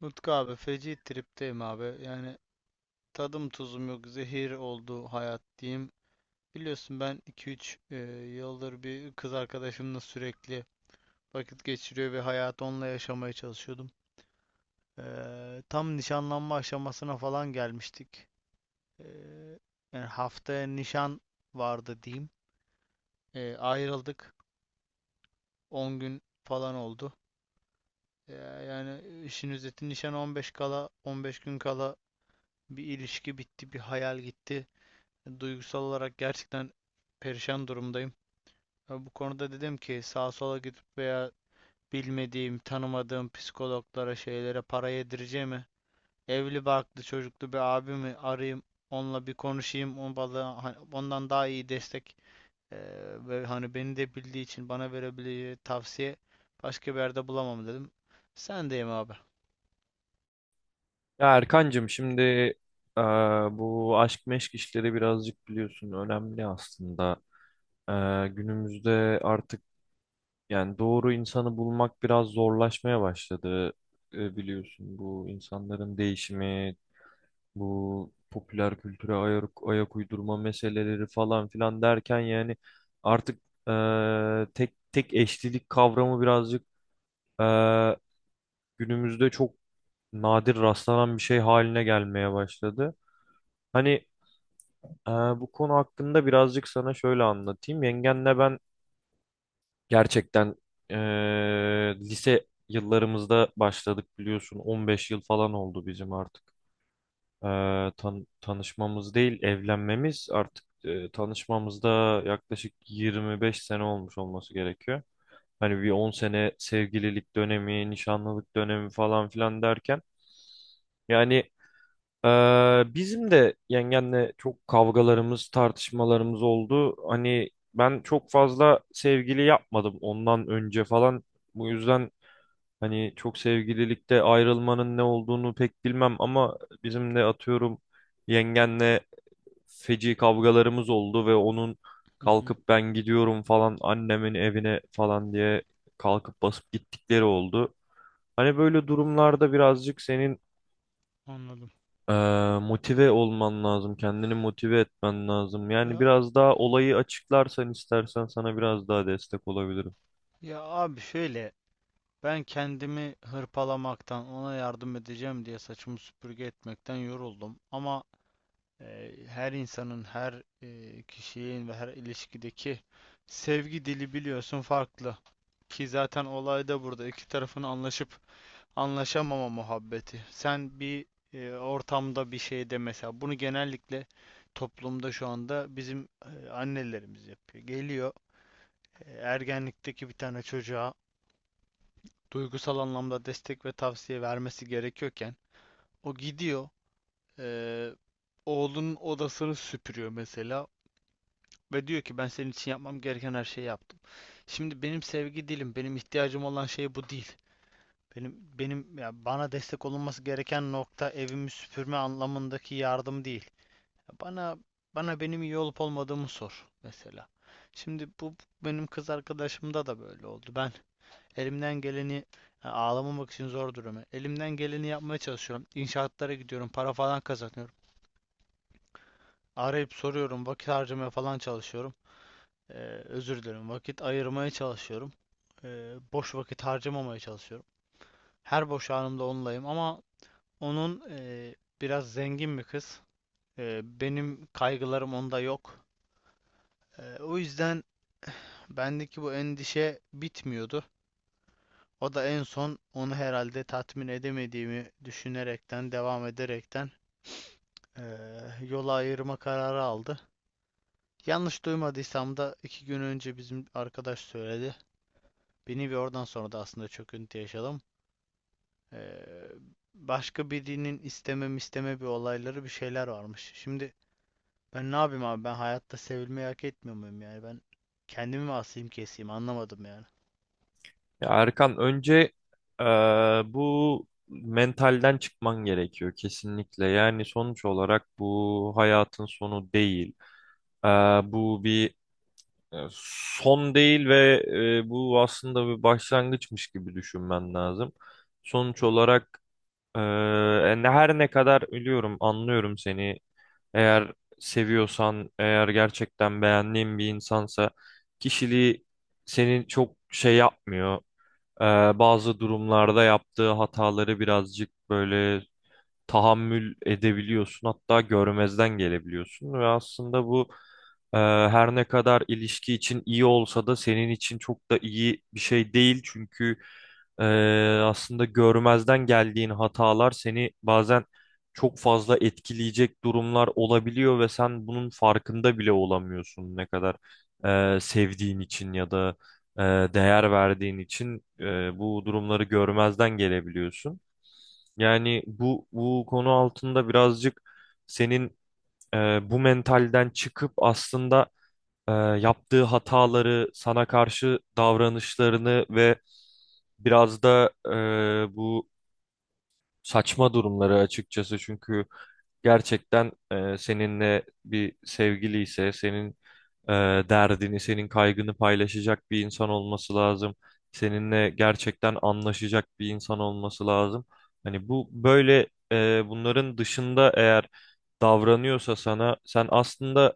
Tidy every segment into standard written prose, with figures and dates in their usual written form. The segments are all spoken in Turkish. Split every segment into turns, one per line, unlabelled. Nutku abi feci tripteyim abi. Yani tadım tuzum yok. Zehir oldu hayat diyeyim. Biliyorsun ben 2-3 yıldır bir kız arkadaşımla sürekli vakit geçiriyor ve hayatı onunla yaşamaya çalışıyordum. Tam nişanlanma aşamasına falan gelmiştik. Eee, Yani haftaya nişan vardı diyeyim. Ayrıldık. 10 gün falan oldu. Eee, Yani işin özeti nişan 15 kala 15 gün kala bir ilişki bitti, bir hayal gitti. Duygusal olarak gerçekten perişan durumdayım. Bu konuda dedim ki sağa sola gidip veya bilmediğim, tanımadığım psikologlara, şeylere para yedireceğime evli barklı çocuklu bir abimi arayayım, onunla bir konuşayım, o bana hani ondan daha iyi destek ve hani beni de bildiği için bana verebileceği tavsiye başka bir yerde bulamam dedim. Sendeyim abi.
Ya Erkancığım, şimdi eee, bu aşk meşk işleri birazcık biliyorsun önemli aslında. Günümüzde artık yani doğru insanı bulmak biraz zorlaşmaya başladı. Biliyorsun, bu insanların değişimi, bu popüler kültüre ayak uydurma meseleleri falan filan derken, yani artık tek tek eşlilik kavramı birazcık eee, günümüzde çok nadir rastlanan bir şey haline gelmeye başladı. Hani bu konu hakkında birazcık sana şöyle anlatayım. Yengenle ben gerçekten ee, lise yıllarımızda başladık biliyorsun. 15 yıl falan oldu bizim artık. Tanışmamız değil, evlenmemiz artık, tanışmamızda yaklaşık 25 sene olmuş olması gerekiyor. Hani bir 10 sene sevgililik dönemi, nişanlılık dönemi falan filan derken. Yani bizim de yengenle çok kavgalarımız, tartışmalarımız oldu. Hani ben çok fazla sevgili yapmadım ondan önce falan. Bu yüzden hani çok sevgililikte ayrılmanın ne olduğunu pek bilmem, ama bizim de atıyorum yengenle feci kavgalarımız oldu ve onun
Hı hı,
kalkıp ben gidiyorum falan annemin evine falan diye kalkıp basıp gittikleri oldu. Hani böyle durumlarda birazcık senin
anladım.
ee, motive olman lazım, kendini motive etmen lazım. Yani
Ya
biraz daha olayı açıklarsan istersen sana biraz daha destek olabilirim.
ya abi şöyle, ben kendimi hırpalamaktan, ona yardım edeceğim diye saçımı süpürge etmekten yoruldum. Ama her insanın, her kişinin ve her ilişkideki sevgi dili biliyorsun farklı. Ki zaten olay da burada. İki tarafın anlaşıp anlaşamama muhabbeti. Sen bir ortamda bir şeyde mesela bunu genellikle toplumda şu anda bizim annelerimiz yapıyor. Geliyor ergenlikteki bir tane çocuğa duygusal anlamda destek ve tavsiye vermesi gerekiyorken o gidiyor eee, oğlunun odasını süpürüyor mesela ve diyor ki ben senin için yapmam gereken her şeyi yaptım. Şimdi benim sevgi dilim, benim ihtiyacım olan şey bu değil. Benim ya bana destek olunması gereken nokta evimi süpürme anlamındaki yardım değil. Bana bana benim iyi olup olmadığımı sor mesela. Şimdi bu benim kız arkadaşımda da böyle oldu. Ben elimden geleni, ha, ağlamamak için zor durumu. Elimden geleni yapmaya çalışıyorum. İnşaatlara gidiyorum. Para falan kazanıyorum. Arayıp soruyorum. Vakit harcamaya falan çalışıyorum. Ee, özür dilerim. Vakit ayırmaya çalışıyorum. Boş vakit harcamamaya çalışıyorum. Her boş anımda onunlayım ama onun biraz zengin bir kız. Benim kaygılarım onda yok. O yüzden bendeki bu endişe bitmiyordu. O da en son onu herhalde tatmin edemediğimi düşünerekten, devam ederekten yola ayırma kararı aldı. Yanlış duymadıysam da iki gün önce bizim arkadaş söyledi beni ve oradan sonra da aslında çöküntü yaşadım. Eee, Başka birinin istemem isteme bir olayları bir şeyler varmış. Şimdi ben ne yapayım abi, ben hayatta sevilmeyi hak etmiyor muyum yani, ben kendimi mi asayım keseyim anlamadım yani.
Ya Erkan, önce ee, bu mentalden çıkman gerekiyor kesinlikle. Yani sonuç olarak bu hayatın sonu değil. Ee, Bu bir e, son değil ve e, bu aslında bir başlangıçmış gibi düşünmen lazım. Sonuç olarak ee, her ne kadar ölüyorum, anlıyorum seni. Eğer seviyorsan, eğer gerçekten beğendiğin bir insansa, kişiliği seni çok şey yapmıyor. Ee, Bazı durumlarda yaptığı hataları birazcık böyle tahammül edebiliyorsun, hatta görmezden gelebiliyorsun ve aslında bu e, her ne kadar ilişki için iyi olsa da senin için çok da iyi bir şey değil, çünkü e, aslında görmezden geldiğin hatalar seni bazen çok fazla etkileyecek durumlar olabiliyor ve sen bunun farkında bile olamıyorsun, ne kadar e, sevdiğin için ya da e, değer verdiğin için e, bu durumları görmezden gelebiliyorsun. Yani bu konu altında birazcık senin e, bu mentalden çıkıp aslında e, yaptığı hataları, sana karşı davranışlarını ve biraz da e, bu saçma durumları açıkçası, çünkü gerçekten e, seninle bir sevgili ise senin e, derdini, senin kaygını paylaşacak bir insan olması lazım. Seninle gerçekten anlaşacak bir insan olması lazım. Hani bu böyle e, bunların dışında eğer davranıyorsa sana, sen aslında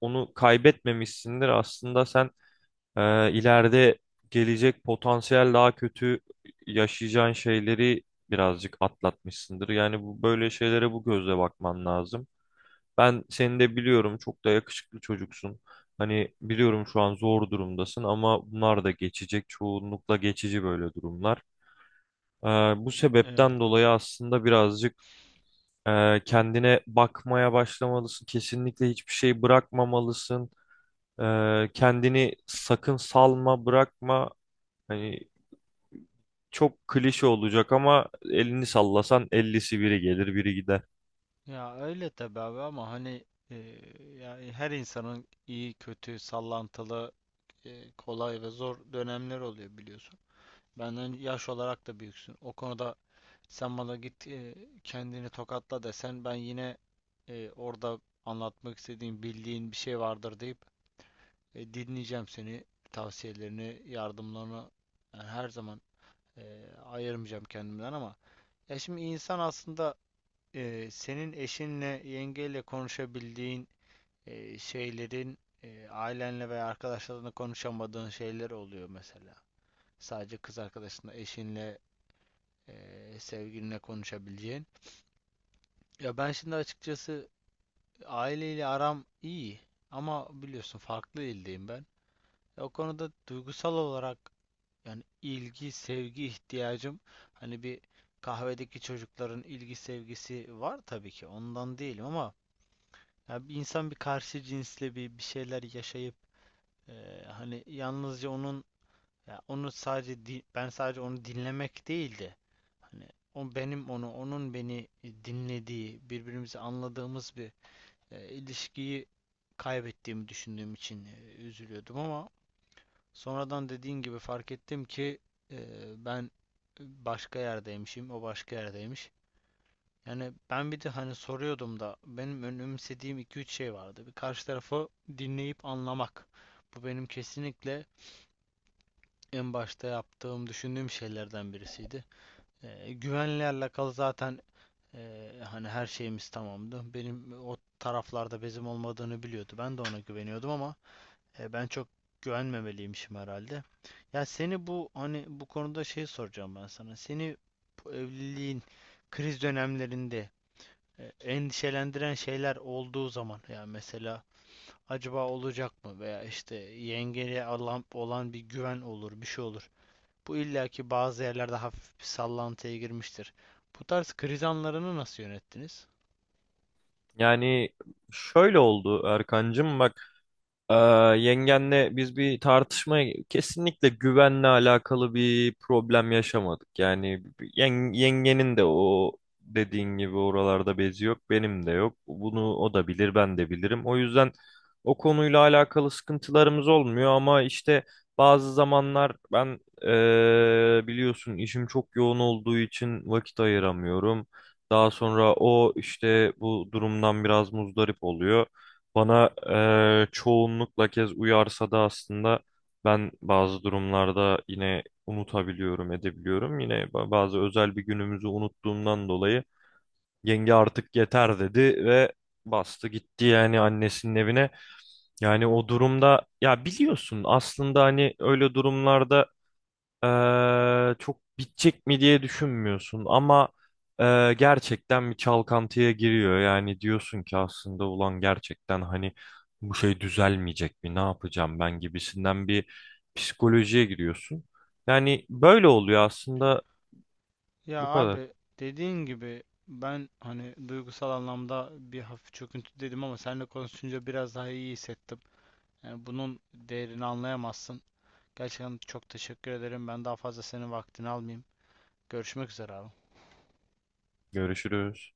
onu kaybetmemişsindir. Aslında sen e, ileride gelecek potansiyel daha kötü yaşayacağın şeyleri birazcık atlatmışsındır. Yani bu böyle şeylere bu gözle bakman lazım. Ben seni de biliyorum, çok da yakışıklı çocuksun. Hani biliyorum şu an zor durumdasın, ama bunlar da geçecek. Çoğunlukla geçici böyle durumlar. Ee, Bu
Eyvallah.
sebepten dolayı aslında birazcık e, kendine bakmaya başlamalısın. Kesinlikle hiçbir şey bırakmamalısın. Kendini sakın salma, bırakma. Hani çok klişe olacak ama elini sallasan 50'si biri gelir, biri gider.
Ya öyle tabii abi ama hani e, yani her insanın iyi, kötü, sallantılı, kolay ve zor dönemler oluyor biliyorsun. Benden yaş olarak da büyüksün. O konuda sen bana git kendini tokatla desen ben yine orada anlatmak istediğin, bildiğin bir şey vardır deyip dinleyeceğim seni, tavsiyelerini, yardımlarını. Yani her zaman e, ayırmayacağım kendimden ama ya şimdi insan aslında senin eşinle, yengeyle konuşabildiğin şeylerin ailenle veya arkadaşlarınla konuşamadığın şeyler oluyor mesela. Sadece kız arkadaşınla, eşinle, sevgilinle konuşabileceğin. Ya ben şimdi açıkçası aileyle aram iyi ama biliyorsun farklı ildeyim ben. O konuda duygusal olarak yani ilgi, sevgi ihtiyacım, hani bir kahvedeki çocukların ilgi sevgisi var tabii ki, ondan değilim ama ya bir insan bir karşı cinsle bir şeyler yaşayıp hani yalnızca onun, ya onu sadece ben sadece onu dinlemek değildi. Hani o benim onu, onun beni dinlediği, birbirimizi anladığımız bir ilişkiyi kaybettiğimi düşündüğüm için üzülüyordum ama sonradan dediğin gibi fark ettim ki e, ben başka yerdeymişim, o başka yerdeymiş. Yani ben bir de hani soruyordum da benim önemsediğim iki üç şey vardı. Bir, karşı tarafı dinleyip anlamak. Bu benim kesinlikle en başta yaptığım, düşündüğüm şeylerden birisiydi. Güvenle alakalı zaten. Hani her şeyimiz tamamdı. Benim o taraflarda bezim olmadığını biliyordu. Ben de ona güveniyordum ama ben çok güvenmemeliymişim herhalde. Ya seni bu hani bu konuda şey soracağım ben sana. Seni bu evliliğin kriz dönemlerinde endişelendiren şeyler olduğu zaman yani mesela acaba olacak mı veya işte yengeye alan, olan bir güven olur, bir şey olur. Bu illaki bazı yerlerde hafif bir sallantıya girmiştir. Bu tarz kriz anlarını nasıl yönettiniz?
Yani şöyle oldu Erkancığım, bak. Ee, Yengenle biz bir tartışmaya kesinlikle güvenle alakalı bir problem yaşamadık. Yani yengenin de o dediğin gibi oralarda bezi yok, benim de yok. Bunu o da bilir, ben de bilirim. O yüzden o konuyla alakalı sıkıntılarımız olmuyor, ama işte bazı zamanlar ben biliyorsun işim çok yoğun olduğu için vakit ayıramıyorum. Daha sonra o işte bu durumdan biraz muzdarip oluyor. Bana çoğunlukla kez uyarsa da aslında ben bazı durumlarda yine unutabiliyorum, edebiliyorum. Yine bazı özel bir günümüzü unuttuğumdan dolayı yenge artık yeter dedi ve bastı gitti yani annesinin evine. Yani o durumda ya biliyorsun aslında hani öyle durumlarda çok bitecek mi diye düşünmüyorsun, ama gerçekten bir çalkantıya giriyor. Yani diyorsun ki aslında ulan gerçekten hani bu şey düzelmeyecek mi? Ne yapacağım ben gibisinden bir psikolojiye giriyorsun. Yani böyle oluyor aslında.
Ya
Bu kadar.
abi dediğin gibi ben hani duygusal anlamda bir hafif çöküntü dedim ama seninle konuşunca biraz daha iyi hissettim. Yani bunun değerini anlayamazsın. Gerçekten çok teşekkür ederim. Ben daha fazla senin vaktini almayayım. Görüşmek üzere abi.
Görüşürüz.